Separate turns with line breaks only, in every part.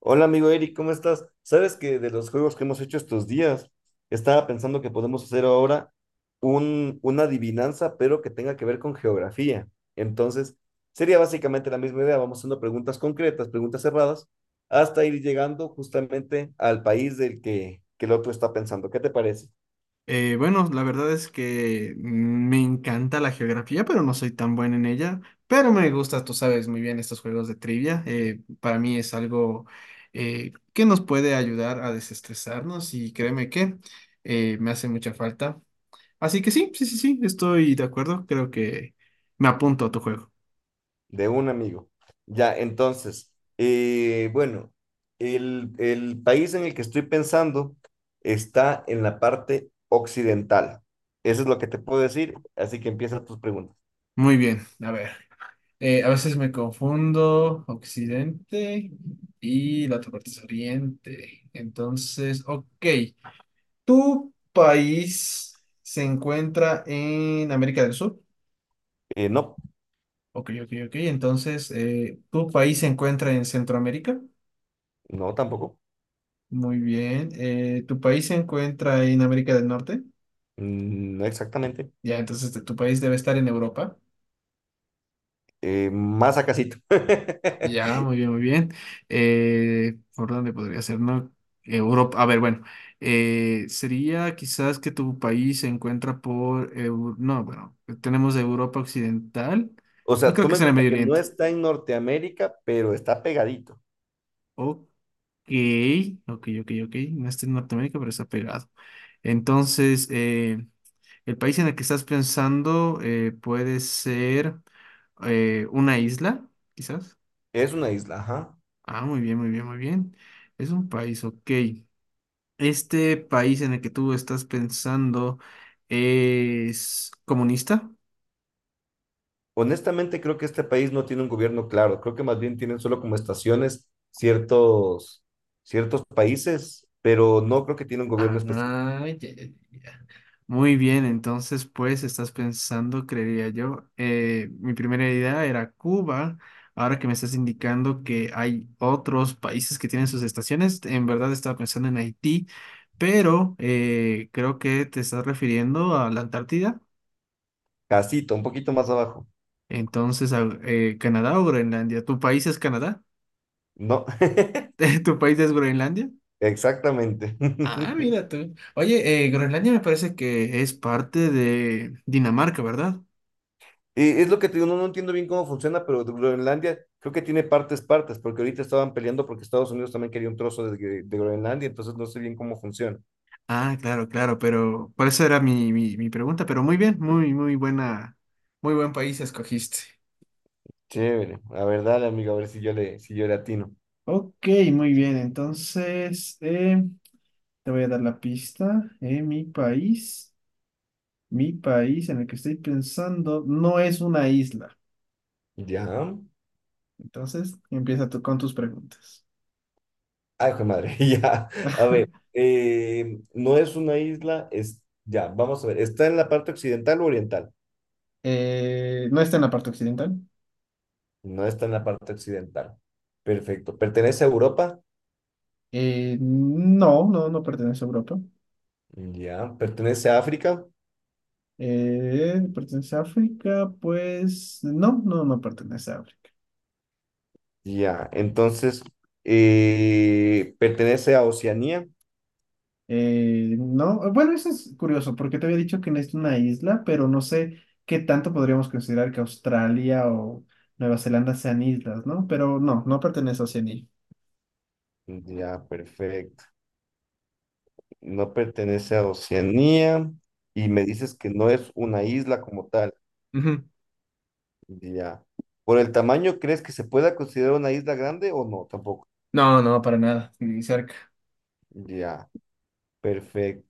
Hola amigo Eric, ¿cómo estás? Sabes que de los juegos que hemos hecho estos días, estaba pensando que podemos hacer ahora una adivinanza, pero que tenga que ver con geografía. Entonces, sería básicamente la misma idea. Vamos haciendo preguntas concretas, preguntas cerradas, hasta ir llegando justamente al país que el otro está pensando. ¿Qué te parece?
Bueno, la verdad es que me encanta la geografía, pero no soy tan buen en ella. Pero me gusta, tú sabes muy bien, estos juegos de trivia. Para mí es algo que nos puede ayudar a desestresarnos, y créeme que me hace mucha falta. Así que sí, sí, sí, sí, estoy de acuerdo. Creo que me apunto a tu juego.
De un amigo. Ya, entonces, bueno, el país en el que estoy pensando está en la parte occidental. Eso es lo que te puedo decir, así que empieza tus preguntas.
Muy bien, a ver. A veces me confundo Occidente y la otra parte es Oriente. Entonces, ok. ¿Tu país se encuentra en América del Sur?
No,
Ok, ok, ok. Entonces, ¿tu país se encuentra en Centroamérica?
no tampoco.
Muy bien. ¿Tu país se encuentra en América del Norte?
Mm, no exactamente.
Ya, entonces tu país debe estar en Europa.
Más a casito.
Ya, muy bien, muy bien. ¿Por dónde podría ser, no? Europa, a ver, bueno, sería quizás que tu país se encuentra por, no, bueno, tenemos Europa Occidental,
O
no
sea,
creo que
toma en
sea en el
cuenta
Medio
que no
Oriente.
está en Norteamérica, pero está pegadito.
Ok, ok, ok, ok. Ok. No está en Norteamérica, pero está pegado. Entonces, el país en el que estás pensando puede ser una isla, quizás.
Es una isla, ajá.
Ah, muy bien, muy bien, muy bien. Es un país, ok. ¿Este país en el que tú estás pensando es comunista?
Honestamente, creo que este país no tiene un gobierno claro. Creo que más bien tienen solo como estaciones ciertos países, pero no creo que tiene un gobierno
Ah,
específico.
ya. Muy bien, entonces pues estás pensando, creería yo. Mi primera idea era Cuba. Ahora que me estás indicando que hay otros países que tienen sus estaciones, en verdad estaba pensando en Haití, pero creo que te estás refiriendo a la Antártida.
Casito, un poquito más abajo.
Entonces, a, Canadá o Groenlandia. ¿Tu país es Canadá?
No,
¿Tu país es Groenlandia?
exactamente.
Ah, mira tú. Oye, Groenlandia me parece que es parte de Dinamarca, ¿verdad?
Y es lo que te digo, no, no entiendo bien cómo funciona, pero Groenlandia creo que tiene partes, porque ahorita estaban peleando porque Estados Unidos también quería un trozo de, de Groenlandia, entonces no sé bien cómo funciona.
Ah, claro, claro, pero por eso era mi pregunta, pero muy bien, muy, muy buena, muy buen país escogiste.
Chévere. A ver, dale, amigo, a ver si yo le atino.
Ok, muy bien, entonces te voy a dar la pista. Mi país, mi país en el que estoy pensando no es una isla.
Ya.
Entonces empieza tú con tus preguntas.
Ay, hijo de madre, ya. A ver, no es una isla, es, ya, vamos a ver, ¿está en la parte occidental o oriental?
No está en la parte occidental.
No está en la parte occidental. Perfecto. ¿Pertenece a Europa?
No, no pertenece a Europa.
Ya. ¿Pertenece a África?
¿Pertenece a África? Pues no, no pertenece a África.
Ya. Entonces, ¿pertenece a Oceanía?
No, bueno, eso es curioso, porque te había dicho que no es una isla, pero no sé qué tanto podríamos considerar que Australia o Nueva Zelanda sean islas, ¿no? Pero no, no pertenece a Oceanía.
Ya, perfecto. No pertenece a Oceanía y me dices que no es una isla como tal.
Ujú.
Ya. ¿Por el tamaño crees que se pueda considerar una isla grande o no? Tampoco.
No, no, para nada, ni cerca.
Ya. Perfecto.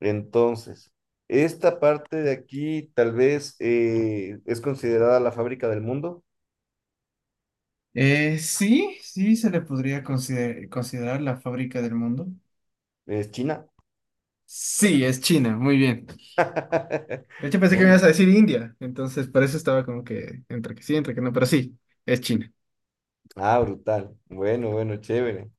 Entonces, esta parte de aquí tal vez es considerada la fábrica del mundo,
Sí, sí se le podría considerar la fábrica del mundo.
es China.
Sí, es China, muy bien. De hecho, pensé que me
Muy-
ibas a decir India, entonces por eso estaba como que entre que sí, entre que no, pero sí, es China.
ah, brutal. Bueno, bueno, chévere.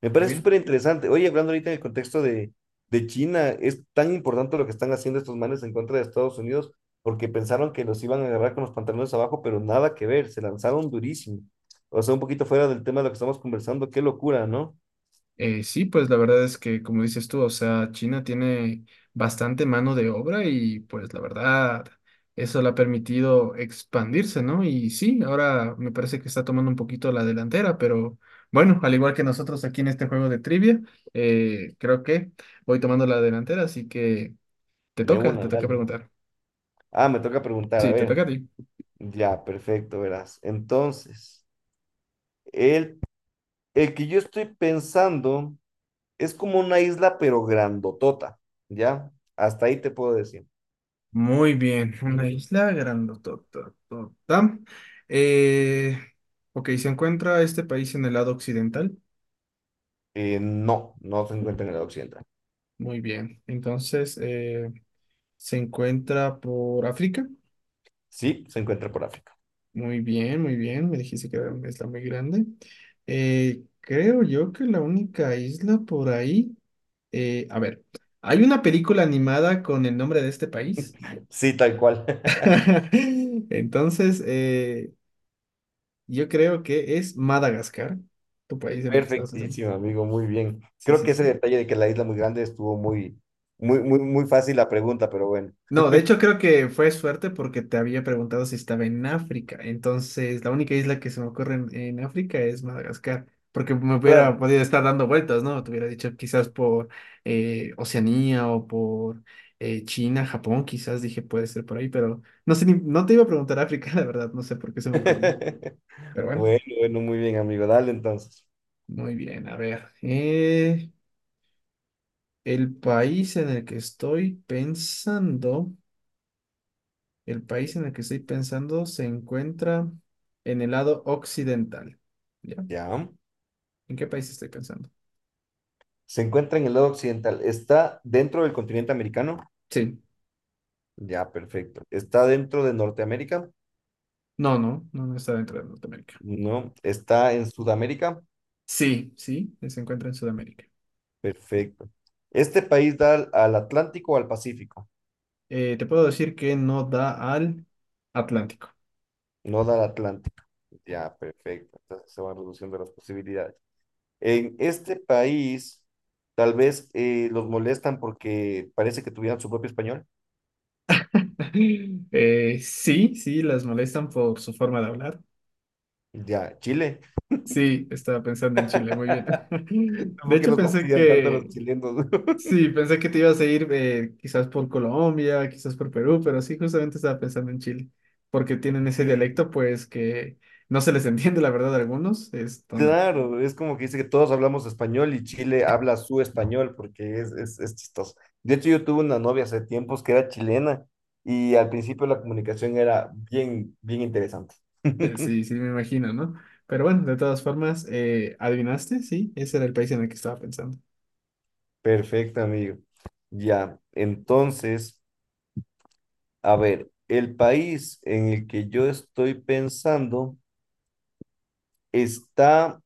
Me
Muy
parece
bien.
súper interesante. Oye, hablando ahorita en el contexto de China, es tan importante lo que están haciendo estos manes en contra de Estados Unidos, porque pensaron que los iban a agarrar con los pantalones abajo, pero nada que ver, se lanzaron durísimo. O sea, un poquito fuera del tema de lo que estamos conversando, qué locura, ¿no?
Sí, pues la verdad es que, como dices tú, o sea, China tiene bastante mano de obra y pues la verdad, eso le ha permitido expandirse, ¿no? Y sí, ahora me parece que está tomando un poquito la delantera, pero bueno, al igual que nosotros aquí en este juego de trivia, creo que voy tomando la delantera, así que
De una,
te toca
dale.
preguntar.
Ah, me toca preguntar, a
Sí, te
ver.
toca a ti.
Ya, perfecto, verás. Entonces, el, el que yo estoy pensando es como una isla, pero grandotota, ¿ya? Hasta ahí te puedo decir.
Muy bien, una isla grandotototota. Eh, ok, se encuentra este país en el lado occidental.
No, no se encuentra en el occidental.
Muy bien. Entonces, se encuentra por África.
Sí, se encuentra por África.
Muy bien, muy bien. Me dijiste que era una isla muy grande. Creo yo que la única isla por ahí. A ver, hay una película animada con el nombre de este país.
Sí, tal cual.
Entonces, yo creo que es Madagascar, tu país de mi que estabas haciendo.
Perfectísimo, amigo, muy bien.
Sí,
Creo
sí,
que ese
sí.
detalle de que la isla muy grande estuvo muy, muy, muy fácil la pregunta, pero bueno.
No, de hecho creo que fue suerte porque te había preguntado si estaba en África. Entonces, la única isla que se me ocurre en África es Madagascar, porque me hubiera
Claro.
podido estar dando vueltas, ¿no? Te hubiera dicho quizás por Oceanía o por China, Japón, quizás dije puede ser por ahí, pero no sé, no te iba a preguntar África, la verdad, no sé por qué se me ocurrió. Pero bueno,
Bueno, bueno, muy bien, amigo. Dale entonces.
muy bien, a ver. El país en el que estoy pensando... El país en el que estoy pensando se encuentra en el lado occidental. ¿Ya?
Ya.
¿En qué país estoy pensando?
Se encuentra en el lado occidental. ¿Está dentro del continente americano?
Sí.
Ya, perfecto. ¿Está dentro de Norteamérica?
No, no, no, no está dentro de Norteamérica.
No. ¿Está en Sudamérica?
Sí, sí, se encuentra en Sudamérica.
Perfecto. ¿Este país da al Atlántico o al Pacífico?
Te puedo decir que no da al Atlántico.
No da al Atlántico. Ya, perfecto. Entonces se van reduciendo las posibilidades. En este país, tal vez los molestan porque parece que tuvieran su propio español.
Sí, sí, las molestan por su forma de hablar.
Ya, Chile.
Sí, estaba pensando en Chile, muy bien. De
¿Por qué
hecho,
los
pensé
fastidian tanto a los
que
chilenos?
sí, pensé que te ibas a ir quizás por Colombia, quizás por Perú, pero sí, justamente estaba pensando en Chile, porque tienen ese
Qué,
dialecto, pues que no se les entiende, la verdad, a algunos. Esto,
claro, es como que dice que todos hablamos español y Chile habla su español porque es chistoso. De hecho, yo tuve una novia hace tiempos que era chilena y al principio la comunicación era bien interesante.
sí, sí, me imagino, ¿no? Pero bueno, de todas formas, adivinaste, sí, ese era el país en el que estaba pensando.
Perfecto, amigo. Ya, entonces, a ver, el país en el que yo estoy pensando está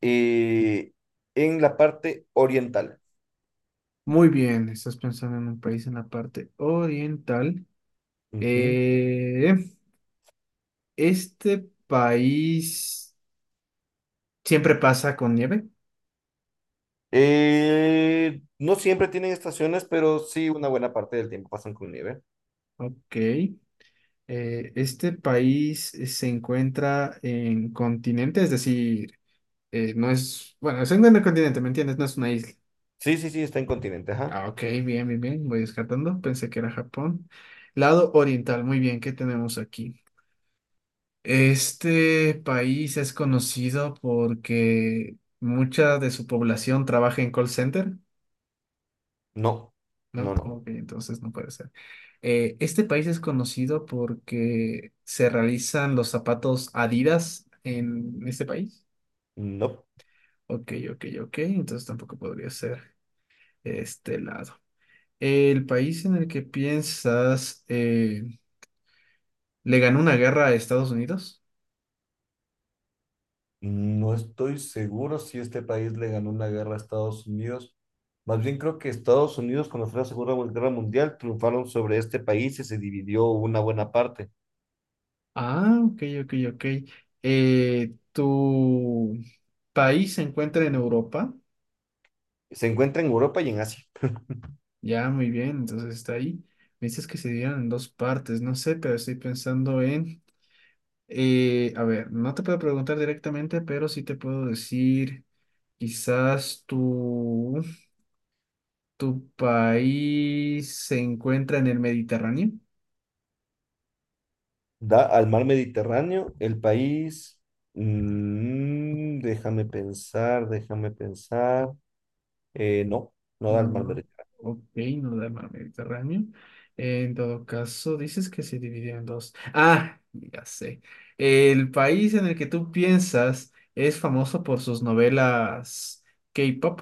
eh, en la parte oriental.
Muy bien, estás pensando en un país en la parte oriental.
Ujú.
Eh, este país siempre pasa con nieve,
No siempre tienen estaciones, pero sí una buena parte del tiempo pasan con nieve.
ok. Este país se encuentra en continente, es decir, no es, bueno, se encuentra en el continente, ¿me entiendes? No es una isla.
Sí, está en continente, ajá.
Ah, ok, bien, bien, bien, voy descartando, pensé que era Japón. Lado oriental, muy bien, ¿qué tenemos aquí? Este país es conocido porque mucha de su población trabaja en call center.
No, no,
No,
no,
ok, entonces no puede ser. Este país es conocido porque se realizan los zapatos Adidas en este país.
no.
Ok, ok, ok, entonces tampoco podría ser este lado. ¿El país en el que piensas le ganó una guerra a Estados Unidos?
No estoy seguro si este país le ganó una guerra a Estados Unidos. Más bien creo que Estados Unidos, cuando fue la Segunda Guerra Mundial, triunfaron sobre este país y se dividió una buena parte.
Ah, ok, ok, ok. ¿Tu país se encuentra en Europa?
Se encuentra en Europa y en Asia.
Ya, muy bien, entonces está ahí. Me dices que se dieron en dos partes, no sé, pero estoy pensando en, a ver, no te puedo preguntar directamente, pero sí te puedo decir, quizás tu, tu país se encuentra en el Mediterráneo.
Da al mar Mediterráneo, el país... mm, déjame pensar. No, no da
No,
el
no,
mal
no.
merechar.
Ok, no da el mar Mediterráneo. En todo caso, dices que se dividió en dos. Ah, ya sé. El país en el que tú piensas es famoso por sus novelas K-pop.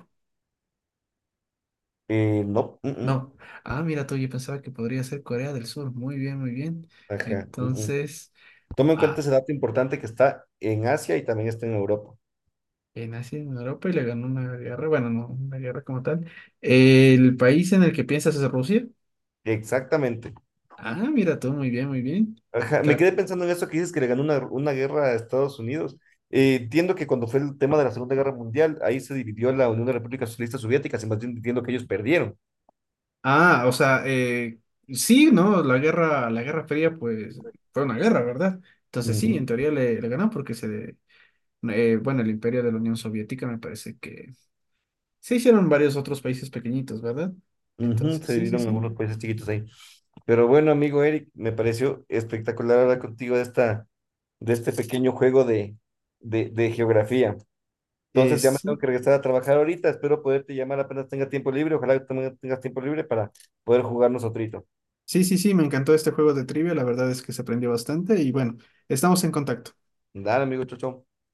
No,
No. Ah, mira tú, yo pensaba que podría ser Corea del Sur. Muy bien, muy bien.
ajá,
Entonces,
Toma en cuenta
ah,
ese dato importante que está en Asia y también está en Europa.
nací en Europa y le ganó una guerra. Bueno, no una guerra como tal. ¿El país en el que piensas es Rusia?
Exactamente.
Ah, mira tú, muy bien, muy bien.
Ajá, me
Claro.
quedé pensando en eso que dices que le ganó una guerra a Estados Unidos. Entiendo que cuando fue el tema de la Segunda Guerra Mundial, ahí se dividió la Unión de Repúblicas Socialistas Soviéticas y más bien entiendo que ellos perdieron.
Ah, o sea, sí, ¿no? La Guerra Fría, pues, fue una guerra, ¿verdad? Entonces sí, en
Ujú,
teoría le, le ganó porque bueno, el imperio de la Unión Soviética me parece que se hicieron varios otros países pequeñitos, ¿verdad?
ujú,
Entonces,
se
sí, sí,
dividieron en
sí.
algunos países chiquitos ahí. Pero bueno, amigo Eric, me pareció espectacular hablar contigo de esta, de este pequeño juego de, de geografía. Entonces ya me tengo
Sí,
que regresar a trabajar ahorita. Espero poderte llamar apenas tenga tiempo libre. Ojalá que también tengas tiempo libre para poder jugarnos otro.
sí, sí, sí, me encantó este juego de trivia, la verdad es que se aprendió bastante y bueno, estamos en contacto.
Dale, amigo, chau, chau.